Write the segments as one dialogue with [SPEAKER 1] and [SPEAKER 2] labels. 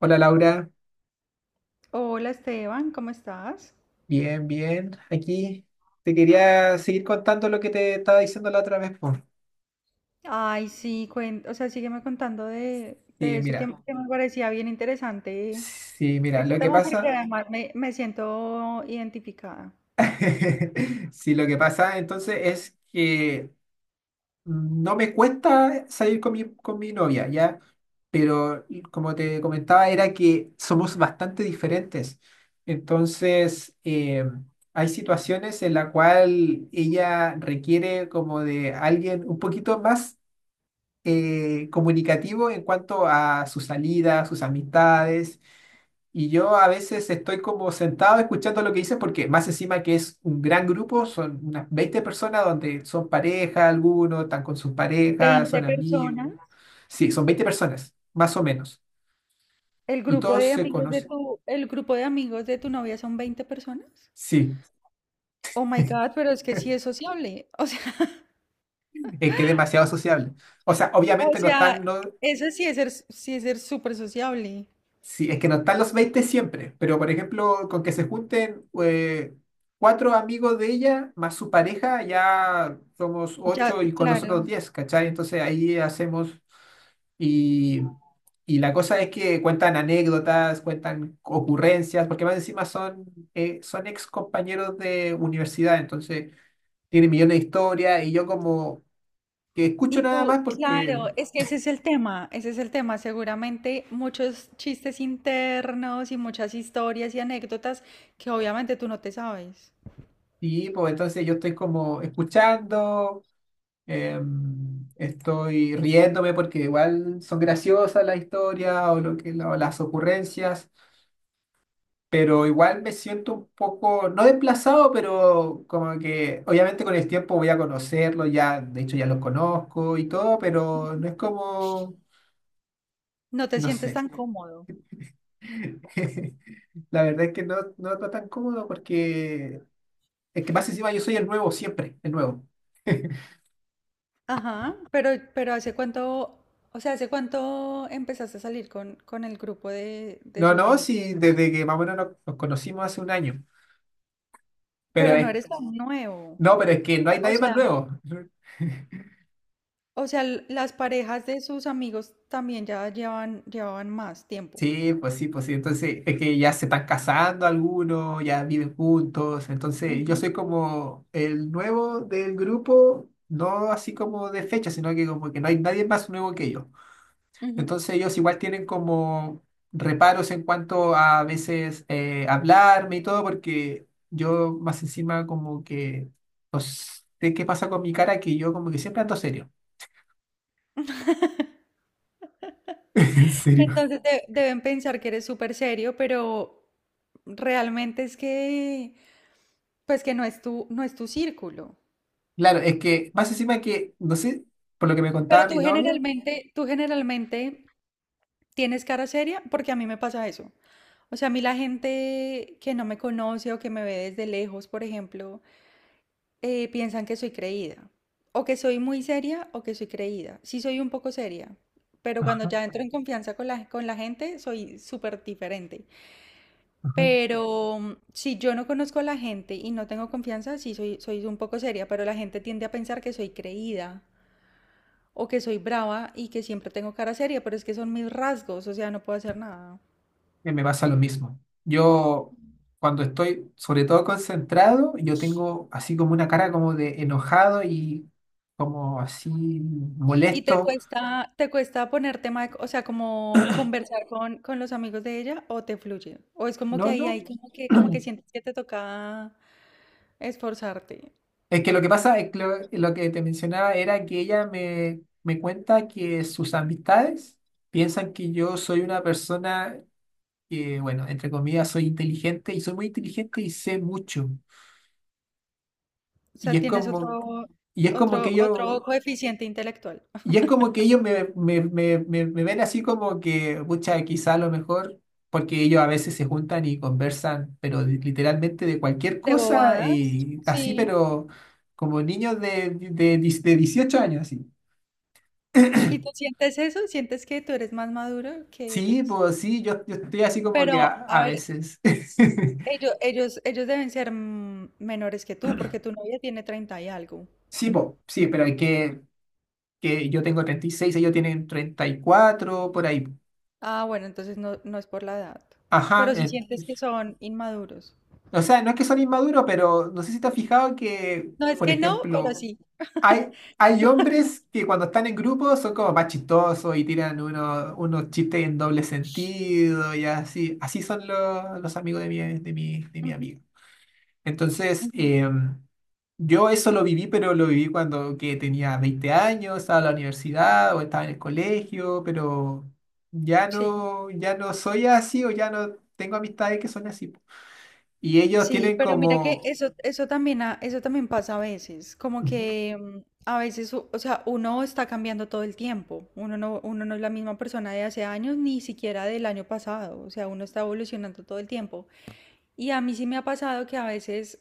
[SPEAKER 1] Hola Laura,
[SPEAKER 2] Hola Esteban, ¿cómo estás?
[SPEAKER 1] bien, bien. Aquí te quería seguir contando lo que te estaba diciendo la otra vez. Por.
[SPEAKER 2] Ay, sí, sígueme contando de,
[SPEAKER 1] Sí,
[SPEAKER 2] de eso que,
[SPEAKER 1] mira,
[SPEAKER 2] que me parecía bien interesante
[SPEAKER 1] sí, mira,
[SPEAKER 2] ese
[SPEAKER 1] lo que
[SPEAKER 2] tema porque
[SPEAKER 1] pasa,
[SPEAKER 2] además me siento identificada.
[SPEAKER 1] sí, lo que pasa entonces es que no me cuesta salir con mi novia, ¿ya? Pero como te comentaba, era que somos bastante diferentes. Entonces, hay situaciones en la cual ella requiere como de alguien un poquito más comunicativo en cuanto a sus salidas, sus amistades. Y yo a veces estoy como sentado escuchando lo que dicen porque más encima que es un gran grupo, son unas 20 personas donde son pareja algunos, están con sus parejas,
[SPEAKER 2] 20
[SPEAKER 1] son
[SPEAKER 2] personas,
[SPEAKER 1] amigos. Sí, son 20 personas, más o menos. Y todos se conocen.
[SPEAKER 2] el grupo de amigos de tu novia son 20 personas.
[SPEAKER 1] Sí,
[SPEAKER 2] Oh my God, pero es que sí es sociable. O sea,
[SPEAKER 1] es que es demasiado sociable. O sea,
[SPEAKER 2] o
[SPEAKER 1] obviamente no están,
[SPEAKER 2] sea,
[SPEAKER 1] no.
[SPEAKER 2] eso sí es ser súper sociable.
[SPEAKER 1] Sí, es que no están los 20 siempre, pero por ejemplo, con que se junten cuatro amigos de ella más su pareja, ya somos
[SPEAKER 2] Ya,
[SPEAKER 1] ocho y con nosotros
[SPEAKER 2] claro.
[SPEAKER 1] diez, ¿cachai? Entonces ahí hacemos y, y la cosa es que cuentan anécdotas, cuentan ocurrencias, porque más encima son, son ex compañeros de universidad, entonces tienen millones de historias y yo como que escucho
[SPEAKER 2] Y
[SPEAKER 1] nada
[SPEAKER 2] tú,
[SPEAKER 1] más porque,
[SPEAKER 2] claro, es que ese es el tema, ese es el tema. Seguramente muchos chistes internos y muchas historias y anécdotas que obviamente tú no te sabes.
[SPEAKER 1] sí, pues entonces yo estoy como escuchando. Estoy riéndome porque igual son graciosas las historias o las ocurrencias, pero igual me siento un poco, no desplazado, pero como que obviamente con el tiempo voy a conocerlo, ya, de hecho ya lo conozco y todo, pero no es como,
[SPEAKER 2] No te
[SPEAKER 1] no
[SPEAKER 2] sientes
[SPEAKER 1] sé.
[SPEAKER 2] tan cómodo.
[SPEAKER 1] La verdad es que no está tan cómodo porque es que más encima yo soy el nuevo siempre, el nuevo.
[SPEAKER 2] Ajá, pero hace cuánto empezaste a salir con el grupo de
[SPEAKER 1] No,
[SPEAKER 2] sus
[SPEAKER 1] no,
[SPEAKER 2] amigos?
[SPEAKER 1] sí, desde que más o menos nos conocimos hace un año. Pero
[SPEAKER 2] Pero no
[SPEAKER 1] es
[SPEAKER 2] eres tan nuevo.
[SPEAKER 1] No, pero es que no hay
[SPEAKER 2] O
[SPEAKER 1] nadie más
[SPEAKER 2] sea,
[SPEAKER 1] nuevo.
[SPEAKER 2] o sea, las parejas de sus amigos también ya llevaban más tiempo.
[SPEAKER 1] Sí, pues sí, pues sí. Entonces, es que ya se están casando algunos, ya viven juntos. Entonces, yo
[SPEAKER 2] Ujú,
[SPEAKER 1] soy como el nuevo del grupo, no así como de fecha, sino que como que no hay nadie más nuevo que yo.
[SPEAKER 2] ujú.
[SPEAKER 1] Entonces, ellos igual tienen como reparos en cuanto a veces hablarme y todo, porque yo más encima como que no sé qué pasa con mi cara, que yo como que siempre ando serio. En serio.
[SPEAKER 2] Entonces deben pensar que eres súper serio, pero realmente pues que no es tu círculo.
[SPEAKER 1] Claro, es que más encima que, no sé, por lo que me
[SPEAKER 2] Pero
[SPEAKER 1] contaba
[SPEAKER 2] tú
[SPEAKER 1] mi novia.
[SPEAKER 2] generalmente, tú generalmente tienes cara seria porque a mí me pasa eso. O sea, a mí la gente que no me conoce o que me ve desde lejos, por ejemplo, piensan que soy creída. O que soy muy seria o que soy creída. Sí soy un poco seria, pero cuando
[SPEAKER 1] Ajá,
[SPEAKER 2] ya entro en confianza con la gente, soy súper diferente.
[SPEAKER 1] ajá.
[SPEAKER 2] Pero si yo no conozco a la gente y no tengo confianza, sí soy un poco seria, pero la gente tiende a pensar que soy creída o que soy brava y que siempre tengo cara seria, pero es que son mis rasgos, o sea, no puedo hacer nada.
[SPEAKER 1] Que me pasa lo mismo. Yo, cuando estoy sobre todo concentrado, yo tengo así como una cara como de enojado y como así
[SPEAKER 2] ¿Y te
[SPEAKER 1] molesto.
[SPEAKER 2] cuesta, te cuesta poner tema, o sea, como conversar con los amigos de ella o te fluye? O es como que
[SPEAKER 1] No,
[SPEAKER 2] ahí
[SPEAKER 1] no.
[SPEAKER 2] hay como que sientes que te toca esforzarte.
[SPEAKER 1] Es que lo que pasa es que lo que te mencionaba era que ella me cuenta que sus amistades piensan que yo soy una persona que, bueno, entre comillas, soy inteligente y soy muy inteligente y sé mucho.
[SPEAKER 2] O
[SPEAKER 1] Y
[SPEAKER 2] sea,
[SPEAKER 1] es
[SPEAKER 2] tienes
[SPEAKER 1] como,
[SPEAKER 2] otro,
[SPEAKER 1] y es como que
[SPEAKER 2] otro, otro
[SPEAKER 1] ellos,
[SPEAKER 2] coeficiente intelectual.
[SPEAKER 1] y es como que ellos me ven así como que, pucha, quizá a lo mejor, porque ellos a veces se juntan y conversan, pero literalmente de cualquier
[SPEAKER 2] ¿De
[SPEAKER 1] cosa
[SPEAKER 2] bobadas?
[SPEAKER 1] y así,
[SPEAKER 2] Sí.
[SPEAKER 1] pero como niños de 18 años, así.
[SPEAKER 2] ¿Y tú sientes eso? ¿Sientes que tú eres más maduro que
[SPEAKER 1] Sí,
[SPEAKER 2] ellos?
[SPEAKER 1] pues sí, yo estoy así como que a,
[SPEAKER 2] Pero, a
[SPEAKER 1] a
[SPEAKER 2] ver,
[SPEAKER 1] veces.
[SPEAKER 2] ellos deben ser menores que tú, porque tu novia tiene 30 y algo.
[SPEAKER 1] Sí, pues sí, pero hay que yo tengo 36, ellos tienen 34 por ahí.
[SPEAKER 2] Ah, bueno, entonces no es por la edad.
[SPEAKER 1] Ajá,
[SPEAKER 2] Pero si sientes que son inmaduros.
[SPEAKER 1] o sea, no es que son inmaduros, pero no sé si te has fijado que,
[SPEAKER 2] No es
[SPEAKER 1] por
[SPEAKER 2] que no, pero
[SPEAKER 1] ejemplo,
[SPEAKER 2] sí.
[SPEAKER 1] hay, hay hombres que cuando están en grupo son como más chistosos y tiran unos chistes en doble sentido y así. Así son los amigos de mi, de mi
[SPEAKER 2] Ujú,
[SPEAKER 1] amiga. Entonces,
[SPEAKER 2] ujú,
[SPEAKER 1] yo eso lo viví, pero lo viví cuando que tenía 20 años, estaba en la universidad o estaba en el colegio, pero ya
[SPEAKER 2] sí.
[SPEAKER 1] no, ya no soy así o ya no tengo amistades que son así. Y ellos
[SPEAKER 2] Sí,
[SPEAKER 1] tienen
[SPEAKER 2] pero mira que
[SPEAKER 1] como...
[SPEAKER 2] eso también pasa a veces, como
[SPEAKER 1] Ujú,
[SPEAKER 2] que a veces, o sea, uno está cambiando todo el tiempo, uno no es la misma persona de hace años, ni siquiera del año pasado, o sea, uno está evolucionando todo el tiempo. Y a mí sí me ha pasado que a veces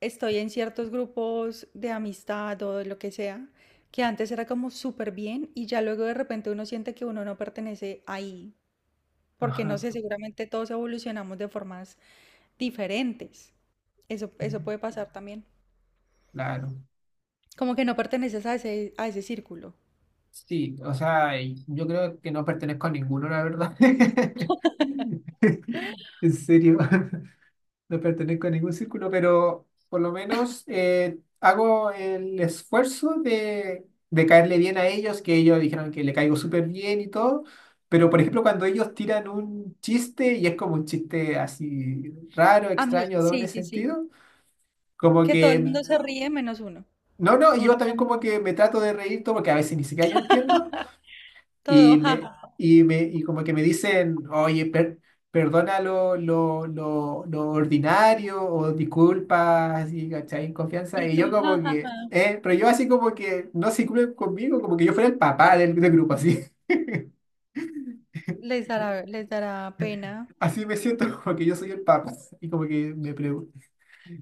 [SPEAKER 2] estoy en ciertos grupos de amistad o de lo que sea, que antes era como súper bien y ya luego de repente uno siente que uno no pertenece ahí, porque no
[SPEAKER 1] ajá,
[SPEAKER 2] sé, seguramente todos evolucionamos de formas diferentes. Eso puede pasar también.
[SPEAKER 1] claro.
[SPEAKER 2] Como que no perteneces a ese círculo.
[SPEAKER 1] Sí, o sea, y yo creo que no pertenezco a ninguno, la verdad. En serio. No pertenezco a ningún círculo, pero por lo menos hago el esfuerzo de caerle bien a ellos, que ellos dijeron que le caigo súper bien y todo. Pero, por ejemplo, cuando ellos tiran un chiste y es como un chiste así raro,
[SPEAKER 2] A mí,
[SPEAKER 1] extraño,
[SPEAKER 2] sí,
[SPEAKER 1] doble
[SPEAKER 2] sí, sí.
[SPEAKER 1] sentido, como
[SPEAKER 2] Que todo el
[SPEAKER 1] que,
[SPEAKER 2] mundo se ríe menos uno.
[SPEAKER 1] no, no, y yo
[SPEAKER 2] Uno
[SPEAKER 1] también
[SPEAKER 2] como
[SPEAKER 1] como que me trato de reír todo porque a veces ni siquiera yo entiendo. Y
[SPEAKER 2] todo,
[SPEAKER 1] me,
[SPEAKER 2] jaja.
[SPEAKER 1] y como que me dicen, oye, perdona lo ordinario o disculpa, así, ¿cachai? En confianza.
[SPEAKER 2] Y
[SPEAKER 1] Y
[SPEAKER 2] tú,
[SPEAKER 1] yo como
[SPEAKER 2] jajaja.
[SPEAKER 1] que, pero yo así como que no se incluyen conmigo, como que yo fuera el papá del grupo, así.
[SPEAKER 2] Les dará pena.
[SPEAKER 1] Así me siento como que yo soy el papá. Y como que me pregun-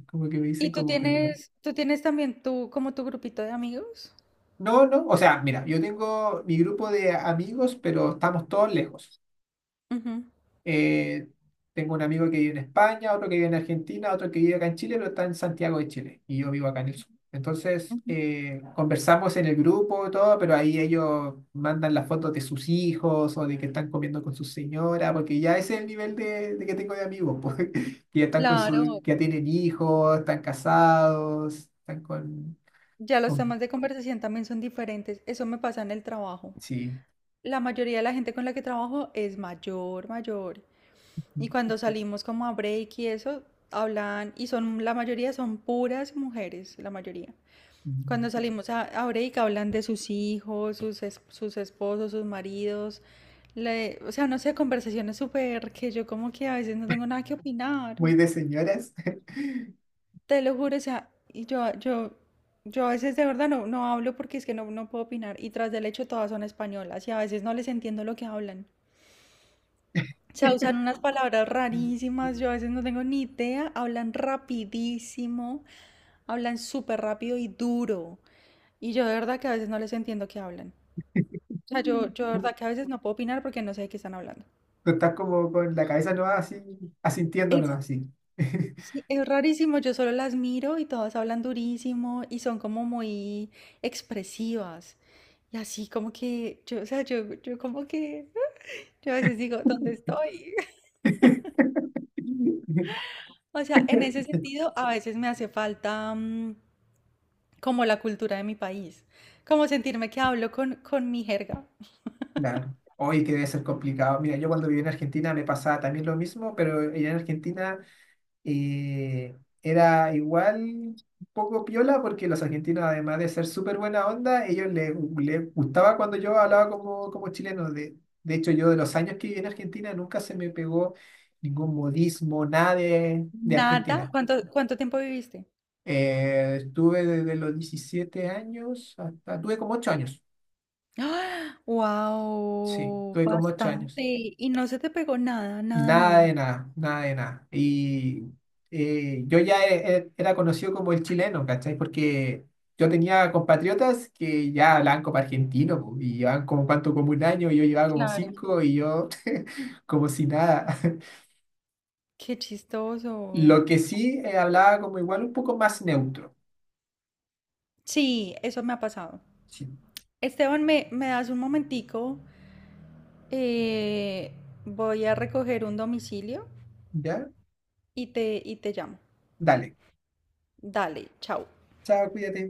[SPEAKER 1] Como que me
[SPEAKER 2] Y
[SPEAKER 1] dicen
[SPEAKER 2] tú
[SPEAKER 1] como perdón.
[SPEAKER 2] tienes, tú tienes también tú, como tu grupito de amigos.
[SPEAKER 1] No, no, o sea, mira, yo tengo mi grupo de amigos, pero estamos todos lejos.
[SPEAKER 2] Ujú.
[SPEAKER 1] Eh, Tengo un amigo que vive en España, otro que vive en Argentina, otro que vive acá en Chile, pero está en Santiago de Chile y yo vivo acá en el sur. Entonces,
[SPEAKER 2] Ujú.
[SPEAKER 1] conversamos en el grupo y todo, pero ahí ellos mandan las fotos de sus hijos o de que están comiendo con su señora, porque ya ese es el nivel de que tengo de amigos, pues, que ya están con
[SPEAKER 2] Claro,
[SPEAKER 1] su, que ya tienen hijos, están casados, están con,
[SPEAKER 2] ya los
[SPEAKER 1] con-
[SPEAKER 2] temas de conversación también son diferentes. Eso me pasa en el trabajo.
[SPEAKER 1] sí,
[SPEAKER 2] La mayoría de la gente con la que trabajo es mayor, mayor. Y cuando salimos como a break y eso, hablan, y son, la mayoría son puras mujeres, la mayoría. Cuando salimos a break hablan de sus hijos, sus esposos, sus maridos. O sea, no sé, conversaciones súper que yo como que a veces no tengo nada que opinar.
[SPEAKER 1] muy de señoras.
[SPEAKER 2] Te lo juro, o sea, y yo a veces de verdad no hablo porque es que no puedo opinar. Y tras del hecho todas son españolas y a veces no les entiendo lo que hablan. O sea, usan unas palabras rarísimas, yo a veces no tengo ni idea, hablan rapidísimo, hablan súper rápido y duro, y yo de verdad que a veces no les entiendo qué hablan. O sea, yo de verdad que a veces no puedo opinar porque no sé de qué están hablando.
[SPEAKER 1] Tú estás como con la cabeza no así, asintiéndonos
[SPEAKER 2] Es,
[SPEAKER 1] así.
[SPEAKER 2] sí, es rarísimo, yo solo las miro y todas hablan durísimo y son como muy expresivas. Y así como que, yo, o sea, yo como que, yo a veces digo, ¿dónde estoy? O sea, en ese sentido, a veces me hace falta como la cultura de mi país, como sentirme que hablo con mi jerga.
[SPEAKER 1] Claro. Hoy que debe ser complicado. Mira, yo cuando viví en Argentina me pasaba también lo mismo, pero allá en Argentina era igual un poco piola porque los argentinos, además de ser súper buena onda, ellos les gustaba cuando yo hablaba como chileno. De hecho, yo de los años que viví en Argentina nunca se me pegó ningún modismo, nada de
[SPEAKER 2] Nada.
[SPEAKER 1] Argentina.
[SPEAKER 2] ¿Cuánto tiempo viviste?
[SPEAKER 1] Estuve desde los 17 años hasta... Tuve como 8 años. Sí,
[SPEAKER 2] Wow,
[SPEAKER 1] tuve como 8
[SPEAKER 2] bastante.
[SPEAKER 1] años.
[SPEAKER 2] Y no se te pegó nada, nada,
[SPEAKER 1] Nada de
[SPEAKER 2] nada.
[SPEAKER 1] nada, nada de nada. Y yo ya era conocido como el chileno, ¿cachai? Porque yo tenía compatriotas que ya hablaban como argentino po, y llevaban como un año, y yo llevaba como
[SPEAKER 2] Claro.
[SPEAKER 1] 5 y yo como si nada.
[SPEAKER 2] Qué chistoso.
[SPEAKER 1] Lo que sí hablaba como igual un poco más neutro.
[SPEAKER 2] Sí, eso me ha pasado.
[SPEAKER 1] Sí,
[SPEAKER 2] Esteban, ¿me das un momentico? Eh, Voy a recoger un domicilio
[SPEAKER 1] ¿ya?
[SPEAKER 2] y te llamo.
[SPEAKER 1] Dale.
[SPEAKER 2] Dale, chao.
[SPEAKER 1] Chao, cuídate.